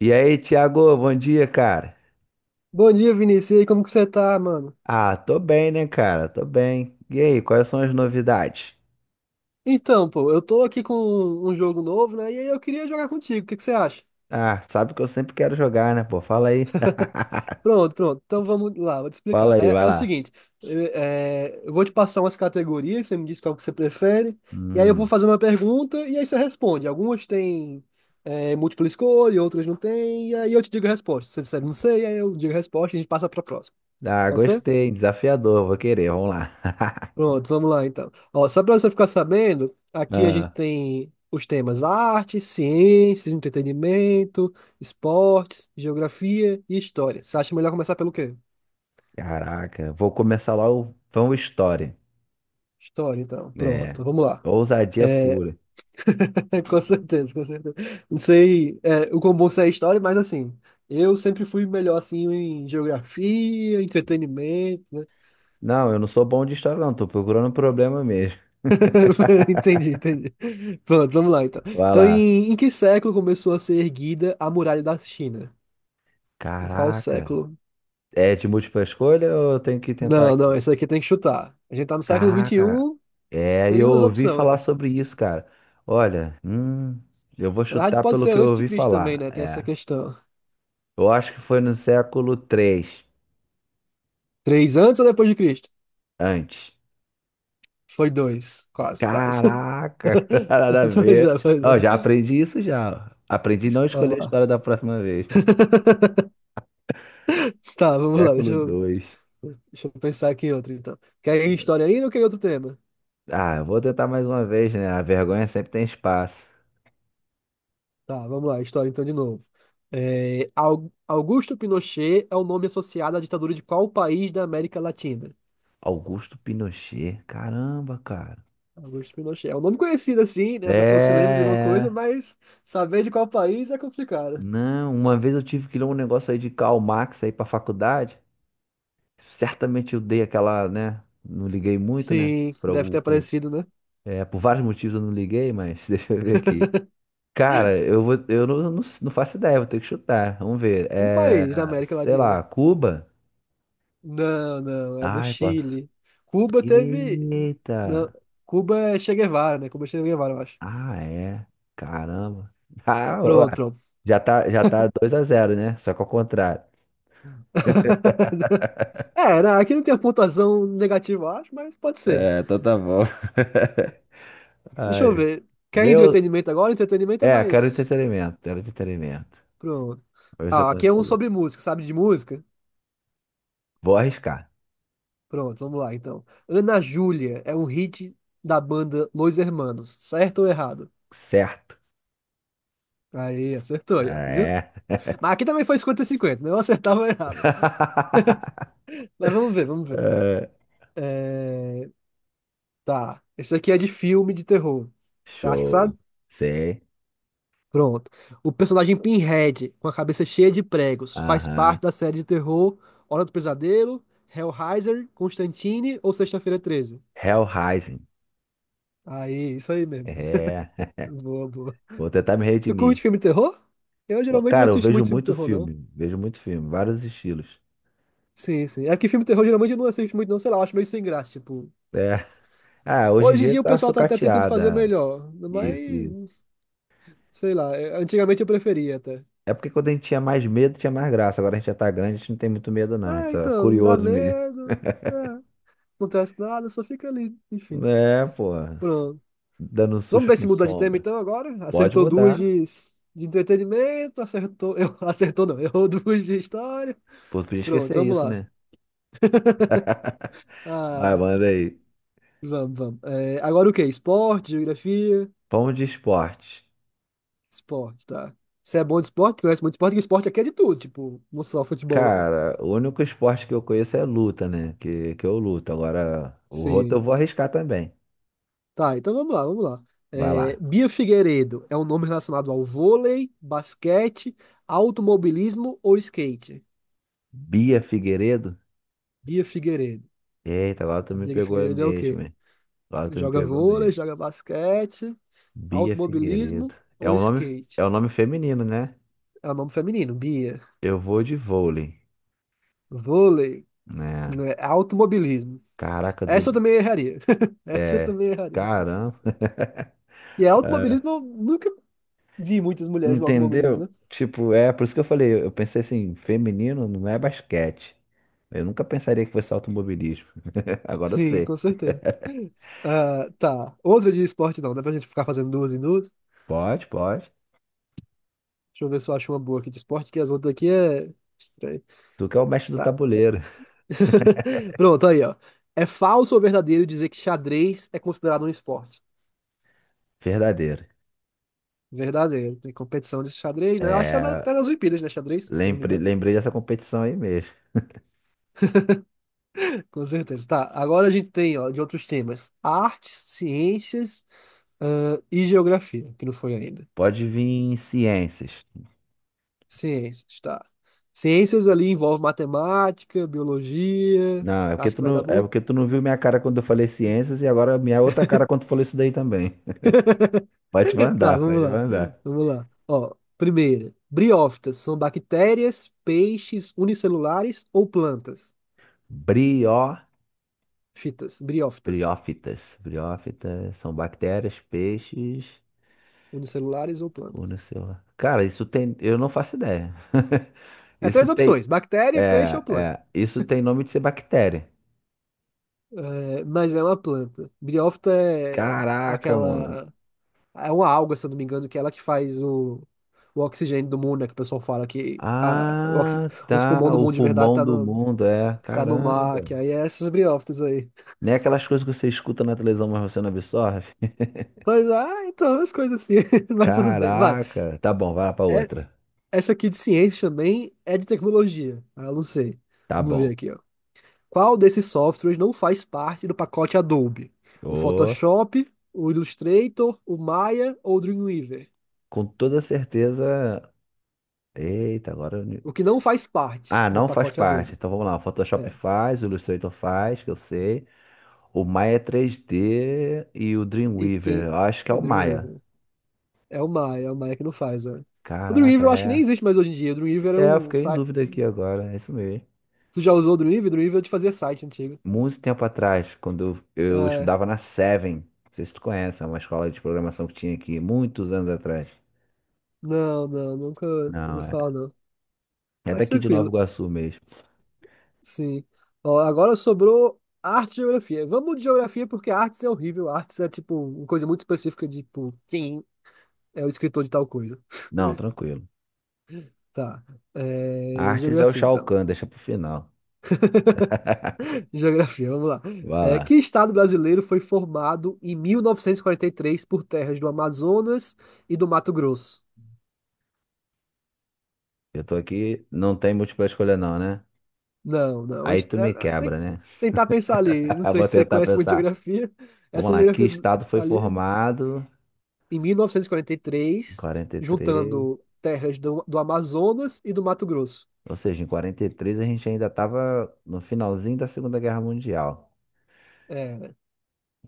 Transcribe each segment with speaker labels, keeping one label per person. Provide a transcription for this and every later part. Speaker 1: E aí, Thiago, bom dia, cara.
Speaker 2: Bom dia, Vinícius. E aí, como que você tá, mano?
Speaker 1: Ah, tô bem, né, cara? Tô bem. E aí, quais são as novidades?
Speaker 2: Então, pô, eu tô aqui com um jogo novo, né? E aí eu queria jogar contigo. O que que você acha?
Speaker 1: Ah, sabe que eu sempre quero jogar, né, pô? Fala aí.
Speaker 2: Pronto, pronto. Então vamos lá, vou te
Speaker 1: Fala
Speaker 2: explicar.
Speaker 1: aí,
Speaker 2: É,
Speaker 1: vai
Speaker 2: é o
Speaker 1: lá.
Speaker 2: seguinte, eu vou te passar umas categorias, você me diz qual que você prefere, e aí eu vou
Speaker 1: Hum.
Speaker 2: fazer uma pergunta e aí você responde. Algumas têm múltipla escolha, outras não têm, e aí eu te digo a resposta. Se você disser não sei, aí eu digo a resposta e a gente passa pra próxima.
Speaker 1: Ah,
Speaker 2: Pode ser?
Speaker 1: gostei, desafiador, vou querer, vamos lá.
Speaker 2: Pronto, vamos lá então. Ó, só para você ficar sabendo, aqui a gente
Speaker 1: Ah,
Speaker 2: tem os temas arte, ciências, entretenimento, esportes, geografia e história. Você acha melhor começar pelo quê?
Speaker 1: caraca, vou começar lá o Vão História.
Speaker 2: História, então.
Speaker 1: É,
Speaker 2: Pronto, vamos lá.
Speaker 1: ousadia pura.
Speaker 2: Com certeza, com certeza. Não sei, o quão bom você é em história, mas assim, eu sempre fui melhor assim em geografia, entretenimento, né?
Speaker 1: Não, eu não sou bom de história, não, tô procurando um problema mesmo.
Speaker 2: Entendi, entendi. Pronto, vamos lá então.
Speaker 1: Vai
Speaker 2: Então,
Speaker 1: lá.
Speaker 2: em que século começou a ser erguida a Muralha da China? Em qual
Speaker 1: Caraca.
Speaker 2: século?
Speaker 1: É de múltipla escolha ou eu tenho que tentar
Speaker 2: Não, não,
Speaker 1: aqui?
Speaker 2: esse aqui tem que chutar. A gente tá no século vinte e
Speaker 1: Caraca,
Speaker 2: um.
Speaker 1: é,
Speaker 2: Tem
Speaker 1: eu
Speaker 2: umas
Speaker 1: ouvi falar
Speaker 2: opções.
Speaker 1: sobre isso, cara. Olha, eu vou
Speaker 2: Na verdade,
Speaker 1: chutar
Speaker 2: pode
Speaker 1: pelo
Speaker 2: ser
Speaker 1: que eu
Speaker 2: antes de
Speaker 1: ouvi
Speaker 2: Cristo também,
Speaker 1: falar.
Speaker 2: né? Tem essa questão.
Speaker 1: Eu acho que foi no século 3,
Speaker 2: Três antes ou depois de Cristo?
Speaker 1: antes.
Speaker 2: Foi dois. Quase, quase.
Speaker 1: Caraca, nada a
Speaker 2: Pois
Speaker 1: ver.
Speaker 2: é, pois
Speaker 1: Ó, já
Speaker 2: é.
Speaker 1: aprendi isso já. Aprendi a não escolher a
Speaker 2: Vamos lá.
Speaker 1: história da próxima vez.
Speaker 2: Tá, vamos lá.
Speaker 1: Século 2.
Speaker 2: Deixa eu pensar aqui em outro, então. Quer ir em história ainda ou quer ir em outro tema?
Speaker 1: Ah, eu vou tentar mais uma vez, né? A vergonha sempre tem espaço.
Speaker 2: Tá, vamos lá. História, então, de novo. É, Augusto Pinochet é o nome associado à ditadura de qual país da América Latina?
Speaker 1: Augusto Pinochet, caramba, cara.
Speaker 2: Augusto Pinochet. É um nome conhecido assim, né? A pessoa se
Speaker 1: É,
Speaker 2: lembra de alguma coisa,
Speaker 1: é.
Speaker 2: mas saber de qual país é complicado.
Speaker 1: Não, uma vez eu tive que ler um negócio aí de Karl Marx aí pra faculdade. Certamente eu dei aquela, né? Não liguei muito, né?
Speaker 2: Sim,
Speaker 1: Por
Speaker 2: deve
Speaker 1: algum,
Speaker 2: ter
Speaker 1: por,
Speaker 2: aparecido, né?
Speaker 1: é, por vários motivos eu não liguei, mas deixa eu ver aqui. Cara, eu vou, eu não, não, não faço ideia, vou ter que chutar. Vamos ver.
Speaker 2: Um país da América
Speaker 1: Sei
Speaker 2: Latina.
Speaker 1: lá, Cuba?
Speaker 2: Não, não, é do
Speaker 1: Ai, posso.
Speaker 2: Chile. Cuba teve. Não,
Speaker 1: Eita!
Speaker 2: Cuba é Che Guevara, né? Cuba é Che Guevara, eu acho.
Speaker 1: Ah, é. Caramba. Ah, ó,
Speaker 2: Pronto, pronto.
Speaker 1: já tá 2 a zero, né? Só que ao contrário.
Speaker 2: É, né? Aqui não tem a pontuação negativa, eu acho, mas pode ser.
Speaker 1: É, então tá bom.
Speaker 2: Deixa eu
Speaker 1: Ai.
Speaker 2: ver. Quer
Speaker 1: Vê o...
Speaker 2: entretenimento agora? Entretenimento é
Speaker 1: É,
Speaker 2: mais.
Speaker 1: quero entretenimento.
Speaker 2: Pronto.
Speaker 1: Vou ver se eu
Speaker 2: Ah, aqui é um
Speaker 1: consigo.
Speaker 2: sobre música, sabe de música?
Speaker 1: Vou arriscar.
Speaker 2: Pronto, vamos lá então. Ana Júlia é um hit da banda Los Hermanos, certo ou errado?
Speaker 1: Certo.
Speaker 2: Aí, acertou aí, ó, viu?
Speaker 1: É.
Speaker 2: Mas aqui também foi 50-50, né? Eu acertava ou errava. Mas vamos ver, vamos ver.
Speaker 1: É.
Speaker 2: É, tá, esse aqui é de filme de terror. Você acha que sabe?
Speaker 1: Show. Sei.
Speaker 2: Pronto. O personagem Pinhead, com a cabeça cheia de pregos, faz
Speaker 1: Aham.
Speaker 2: parte da série de terror Hora do Pesadelo, Hellraiser, Constantine ou Sexta-feira Treze?
Speaker 1: Hellraising.
Speaker 2: Aí, isso aí mesmo.
Speaker 1: É.
Speaker 2: Boa, boa.
Speaker 1: Vou tentar me
Speaker 2: Tu curte
Speaker 1: redimir.
Speaker 2: filme de terror? Eu geralmente não
Speaker 1: Cara, eu
Speaker 2: assisto
Speaker 1: vejo
Speaker 2: muito filme de
Speaker 1: muito
Speaker 2: terror, não.
Speaker 1: filme. Vejo muito filme. Vários estilos.
Speaker 2: Sim, sim. É que filme de terror geralmente eu não assisto muito, não. Sei lá, eu acho meio sem graça, tipo.
Speaker 1: É. Ah, hoje em
Speaker 2: Hoje em
Speaker 1: dia
Speaker 2: dia o
Speaker 1: tá
Speaker 2: pessoal tá até tentando fazer
Speaker 1: sucateada.
Speaker 2: melhor.
Speaker 1: Isso, isso.
Speaker 2: Mas, sei lá, antigamente eu preferia até.
Speaker 1: É porque quando a gente tinha mais medo, tinha mais graça. Agora a gente já tá grande, a gente não tem muito medo, não. A gente
Speaker 2: Ah,
Speaker 1: tá
Speaker 2: então, não dá
Speaker 1: curioso mesmo.
Speaker 2: medo. É, não acontece nada, só fica ali, enfim.
Speaker 1: É, pô.
Speaker 2: Pronto.
Speaker 1: Dando um
Speaker 2: Vamos
Speaker 1: susto
Speaker 2: ver
Speaker 1: com
Speaker 2: se muda de tema
Speaker 1: sombra.
Speaker 2: então agora.
Speaker 1: Pode mudar.
Speaker 2: De entretenimento, acertou. Eu, acertou não, errou duas de história.
Speaker 1: Pô, podia
Speaker 2: Pronto,
Speaker 1: esquecer
Speaker 2: vamos
Speaker 1: isso,
Speaker 2: lá.
Speaker 1: né? Vai,
Speaker 2: Ah,
Speaker 1: manda aí.
Speaker 2: vamos, vamos. É, agora o quê? Esporte, geografia?
Speaker 1: Pão de esporte.
Speaker 2: Esporte, tá. Você é bom de esporte? Conhece muito esporte? Porque esporte aqui é de tudo, tipo, não só futebol, não.
Speaker 1: Cara, o único esporte que eu conheço é luta, né? Que eu luto. Agora, o outro eu
Speaker 2: Sim.
Speaker 1: vou arriscar também.
Speaker 2: Tá, então vamos lá, vamos lá.
Speaker 1: Vai
Speaker 2: É,
Speaker 1: lá.
Speaker 2: Bia Figueiredo é um nome relacionado ao vôlei, basquete, automobilismo ou skate?
Speaker 1: Bia Figueiredo?
Speaker 2: Bia Figueiredo.
Speaker 1: Eita, agora tu
Speaker 2: A
Speaker 1: me
Speaker 2: Bia
Speaker 1: pegou
Speaker 2: Figueiredo é o
Speaker 1: mesmo,
Speaker 2: quê?
Speaker 1: hein? Agora tu me
Speaker 2: Joga
Speaker 1: pegou
Speaker 2: vôlei,
Speaker 1: mesmo.
Speaker 2: joga basquete,
Speaker 1: Bia
Speaker 2: automobilismo
Speaker 1: Figueiredo. É
Speaker 2: ou
Speaker 1: um nome,
Speaker 2: skate?
Speaker 1: é um nome feminino, né?
Speaker 2: É o nome feminino, Bia.
Speaker 1: Eu vou de vôlei,
Speaker 2: Vôlei,
Speaker 1: né?
Speaker 2: né, automobilismo.
Speaker 1: Caraca, de-
Speaker 2: Essa eu também erraria. Essa eu
Speaker 1: é.
Speaker 2: também erraria.
Speaker 1: Caramba.
Speaker 2: E é automobilismo, eu nunca vi muitas mulheres no automobilismo, né?
Speaker 1: Entendeu? Tipo, é por isso que eu falei, eu pensei assim, feminino não é basquete. Eu nunca pensaria que fosse automobilismo. Agora eu
Speaker 2: Sim,
Speaker 1: sei.
Speaker 2: com certeza. Ah, tá. Outra de esporte não, dá pra gente ficar fazendo duas e duas.
Speaker 1: Pode, pode.
Speaker 2: Deixa eu ver se eu acho uma boa aqui de esporte, que as outras aqui é. Peraí.
Speaker 1: Tu que é o mestre do
Speaker 2: Tá.
Speaker 1: tabuleiro.
Speaker 2: Pronto, aí, ó. É falso ou verdadeiro dizer que xadrez é considerado um esporte?
Speaker 1: Verdadeiro.
Speaker 2: Verdadeiro. Tem competição de xadrez, né? Eu acho que tá,
Speaker 1: É,
Speaker 2: tá nas Olimpíadas, né? Xadrez, se eu não me engano.
Speaker 1: lembrei dessa competição aí mesmo.
Speaker 2: Com certeza. Tá. Agora a gente tem, ó, de outros temas: artes, ciências. Ah, e geografia, que não foi ainda.
Speaker 1: Pode vir em ciências.
Speaker 2: Ciências, tá. Ciências ali envolve matemática, biologia.
Speaker 1: Não, é porque
Speaker 2: Acho
Speaker 1: tu
Speaker 2: que vai dar
Speaker 1: não, é
Speaker 2: bom?
Speaker 1: porque tu não viu minha cara quando eu falei ciências e agora minha outra cara quando tu falou isso daí também. Pode
Speaker 2: Tá,
Speaker 1: mandar,
Speaker 2: vamos
Speaker 1: pode
Speaker 2: lá.
Speaker 1: mandar.
Speaker 2: Vamos lá. Ó, primeira. Briófitas são bactérias, peixes unicelulares ou plantas?
Speaker 1: Brio.
Speaker 2: Fitas, briófitas,
Speaker 1: Briófitas. Briófitas são bactérias, peixes
Speaker 2: unicelulares ou
Speaker 1: ou não
Speaker 2: plantas.
Speaker 1: sei. Cara, isso tem. Eu não faço ideia.
Speaker 2: É
Speaker 1: Isso
Speaker 2: três
Speaker 1: tem.
Speaker 2: opções: bactéria, peixe ou planta.
Speaker 1: Isso tem nome de ser bactéria.
Speaker 2: É, mas é uma planta. Briófita é
Speaker 1: Caraca, mano.
Speaker 2: aquela. É uma alga, se eu não me engano, que é ela que faz o oxigênio do mundo, né? Que o pessoal fala que o
Speaker 1: Ah,
Speaker 2: os pulmões
Speaker 1: tá.
Speaker 2: do
Speaker 1: O
Speaker 2: mundo de verdade
Speaker 1: pulmão do mundo, é.
Speaker 2: tá no mar,
Speaker 1: Caramba.
Speaker 2: que aí é essas briófitas aí.
Speaker 1: Nem aquelas coisas que você escuta na televisão, mas você não absorve.
Speaker 2: Mas, ah, então, as coisas assim. Mas tudo bem, vai.
Speaker 1: Caraca. Tá bom, vai lá pra
Speaker 2: É,
Speaker 1: outra.
Speaker 2: essa aqui de ciência também é de tecnologia. Ah, eu não sei.
Speaker 1: Tá
Speaker 2: Vamos ver
Speaker 1: bom.
Speaker 2: aqui, ó. Qual desses softwares não faz parte do pacote Adobe? O
Speaker 1: Ô,
Speaker 2: Photoshop, o Illustrator, o Maya ou o Dreamweaver?
Speaker 1: com toda certeza. Eita, agora.
Speaker 2: O que não faz parte
Speaker 1: Ah,
Speaker 2: do
Speaker 1: não faz
Speaker 2: pacote
Speaker 1: parte.
Speaker 2: Adobe.
Speaker 1: Então vamos lá. O Photoshop
Speaker 2: É,
Speaker 1: faz, o Illustrator faz, que eu sei. O Maya 3D e o
Speaker 2: e
Speaker 1: Dreamweaver.
Speaker 2: tem
Speaker 1: Eu acho que é
Speaker 2: o
Speaker 1: o Maya.
Speaker 2: Dreamweaver. É o Maia que não faz, né? O
Speaker 1: Caraca,
Speaker 2: Dreamweaver eu acho que nem
Speaker 1: é.
Speaker 2: existe mais hoje em dia. O Dreamweaver era
Speaker 1: É, eu
Speaker 2: um
Speaker 1: fiquei em
Speaker 2: site.
Speaker 1: dúvida aqui agora. É isso mesmo.
Speaker 2: Tu já usou o Dreamweaver? O Dreamweaver é de fazer site antigo.
Speaker 1: Muito tempo atrás, quando eu
Speaker 2: É.
Speaker 1: estudava na Seven. Não sei se tu conhece, é uma escola de programação que tinha aqui muitos anos atrás.
Speaker 2: Não, não, nunca ouvi
Speaker 1: Não, é.
Speaker 2: falar, não.
Speaker 1: É
Speaker 2: Mas
Speaker 1: daqui de Nova
Speaker 2: tranquilo,
Speaker 1: Iguaçu mesmo.
Speaker 2: sim. Ó, agora sobrou arte e geografia. Vamos de geografia porque artes é horrível. Artes é tipo uma coisa muito específica de tipo, quem é o escritor de tal coisa.
Speaker 1: Não, tranquilo.
Speaker 2: Tá. É,
Speaker 1: Artes é o
Speaker 2: geografia,
Speaker 1: Shao
Speaker 2: então.
Speaker 1: Kahn, deixa pro final.
Speaker 2: Geografia, vamos lá.
Speaker 1: Vai
Speaker 2: É,
Speaker 1: lá.
Speaker 2: que estado brasileiro foi formado em 1943 por terras do Amazonas e do Mato Grosso?
Speaker 1: Eu tô aqui, não tem múltipla escolha não, né?
Speaker 2: Não, não. a
Speaker 1: Aí
Speaker 2: hist-
Speaker 1: tu
Speaker 2: é,
Speaker 1: me
Speaker 2: é, Tem
Speaker 1: quebra,
Speaker 2: que
Speaker 1: né?
Speaker 2: tentar pensar ali. Não
Speaker 1: Eu
Speaker 2: sei
Speaker 1: vou
Speaker 2: se você
Speaker 1: tentar
Speaker 2: conhece muito
Speaker 1: pensar.
Speaker 2: geografia.
Speaker 1: Vamos
Speaker 2: Essa
Speaker 1: lá, que
Speaker 2: geografia
Speaker 1: estado foi
Speaker 2: ali,
Speaker 1: formado
Speaker 2: em
Speaker 1: em
Speaker 2: 1943,
Speaker 1: 43.
Speaker 2: juntando terras do Amazonas e do Mato Grosso.
Speaker 1: Ou seja, em 43 a gente ainda estava no finalzinho da Segunda Guerra Mundial.
Speaker 2: É,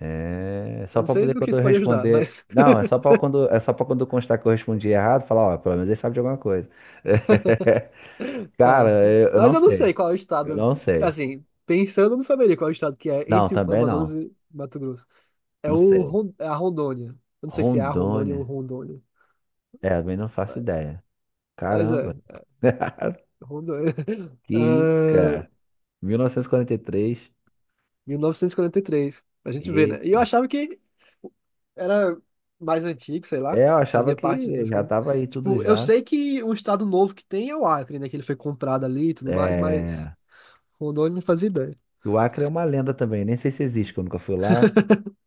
Speaker 1: É
Speaker 2: eu
Speaker 1: só
Speaker 2: não
Speaker 1: para
Speaker 2: sei
Speaker 1: poder
Speaker 2: no que
Speaker 1: quando
Speaker 2: isso
Speaker 1: eu
Speaker 2: pode ajudar,
Speaker 1: responder.
Speaker 2: mas
Speaker 1: Não, é só para quando constar que eu respondi errado, falar, ó, pelo menos ele sabe de alguma coisa. Cara,
Speaker 2: tá.
Speaker 1: eu
Speaker 2: Mas
Speaker 1: não
Speaker 2: eu não
Speaker 1: sei.
Speaker 2: sei qual é o
Speaker 1: Eu
Speaker 2: estado.
Speaker 1: não sei.
Speaker 2: Assim, pensando, eu não saberia qual é o estado que é
Speaker 1: Não,
Speaker 2: entre o
Speaker 1: também
Speaker 2: Amazonas
Speaker 1: não.
Speaker 2: e Mato Grosso.
Speaker 1: Não sei.
Speaker 2: É a Rondônia. Eu não sei se é a Rondônia ou
Speaker 1: Rondônia.
Speaker 2: Rondônia.
Speaker 1: É, também não faço
Speaker 2: Mas
Speaker 1: ideia. Caramba.
Speaker 2: é Rondônia.
Speaker 1: Que isso,
Speaker 2: Ahn,
Speaker 1: cara? 1943. E quarenta e três.
Speaker 2: 1943. A gente vê, né? E eu achava que era mais antigo, sei
Speaker 1: E
Speaker 2: lá.
Speaker 1: é, eu achava
Speaker 2: Fazia parte
Speaker 1: que
Speaker 2: das
Speaker 1: já
Speaker 2: coisas.
Speaker 1: tava aí tudo
Speaker 2: Tipo, eu
Speaker 1: já.
Speaker 2: sei que um estado novo que tem é o Acre, né? Que ele foi comprado ali e tudo mais, mas
Speaker 1: É,
Speaker 2: Rondônia não fazia ideia.
Speaker 1: e o Acre é uma lenda também, nem sei se existe, que eu nunca fui lá.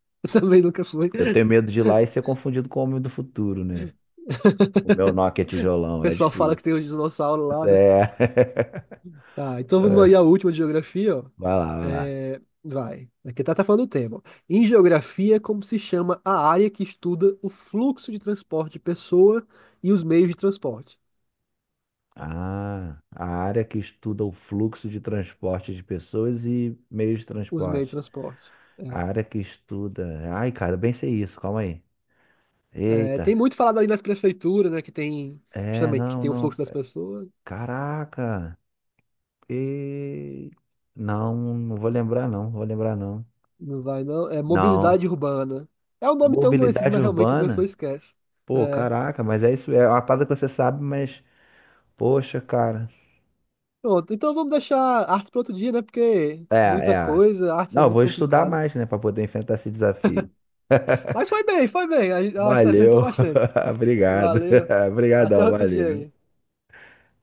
Speaker 2: Eu também nunca fui.
Speaker 1: Eu tenho medo de ir lá e ser confundido com o homem do futuro, né? O meu Nokia
Speaker 2: O
Speaker 1: tijolão, é
Speaker 2: pessoal fala que
Speaker 1: difícil.
Speaker 2: tem os dinossauros lá, né?
Speaker 1: É.
Speaker 2: Tá, então vamos aí a última de geografia, ó.
Speaker 1: Vai lá, vai lá.
Speaker 2: Vai. Aqui tá, tá falando o tema. Em geografia, é como se chama a área que estuda o fluxo de transporte de pessoa e os meios de transporte?
Speaker 1: Ah, a área que estuda o fluxo de transporte de pessoas e meios de
Speaker 2: Os meios de
Speaker 1: transporte.
Speaker 2: transporte.
Speaker 1: A área que estuda. Ai, cara, eu bem sei isso, calma aí.
Speaker 2: É,
Speaker 1: Eita.
Speaker 2: tem muito falado ali nas prefeituras, né? Que tem, justamente, que
Speaker 1: Não,
Speaker 2: tem o fluxo
Speaker 1: não.
Speaker 2: das pessoas.
Speaker 1: Caraca. E não vou lembrar não, vou lembrar não.
Speaker 2: Não vai, não. É
Speaker 1: Não.
Speaker 2: mobilidade urbana. É um nome tão conhecido,
Speaker 1: Mobilidade
Speaker 2: mas realmente a pessoa
Speaker 1: urbana?
Speaker 2: esquece.
Speaker 1: Pô,
Speaker 2: É.
Speaker 1: caraca, mas é isso, é uma parada que você sabe, mas poxa, cara.
Speaker 2: Pronto, então vamos deixar artes para outro dia, né? Porque
Speaker 1: É,
Speaker 2: muita
Speaker 1: é.
Speaker 2: coisa, artes
Speaker 1: Não,
Speaker 2: é
Speaker 1: eu vou
Speaker 2: muito
Speaker 1: estudar
Speaker 2: complicado.
Speaker 1: mais, né, pra poder enfrentar esse desafio.
Speaker 2: Mas foi bem, foi bem. A- acho que você acertou
Speaker 1: Valeu.
Speaker 2: bastante.
Speaker 1: Obrigado.
Speaker 2: Valeu. Até
Speaker 1: Obrigadão,
Speaker 2: outro dia
Speaker 1: valeu.
Speaker 2: aí.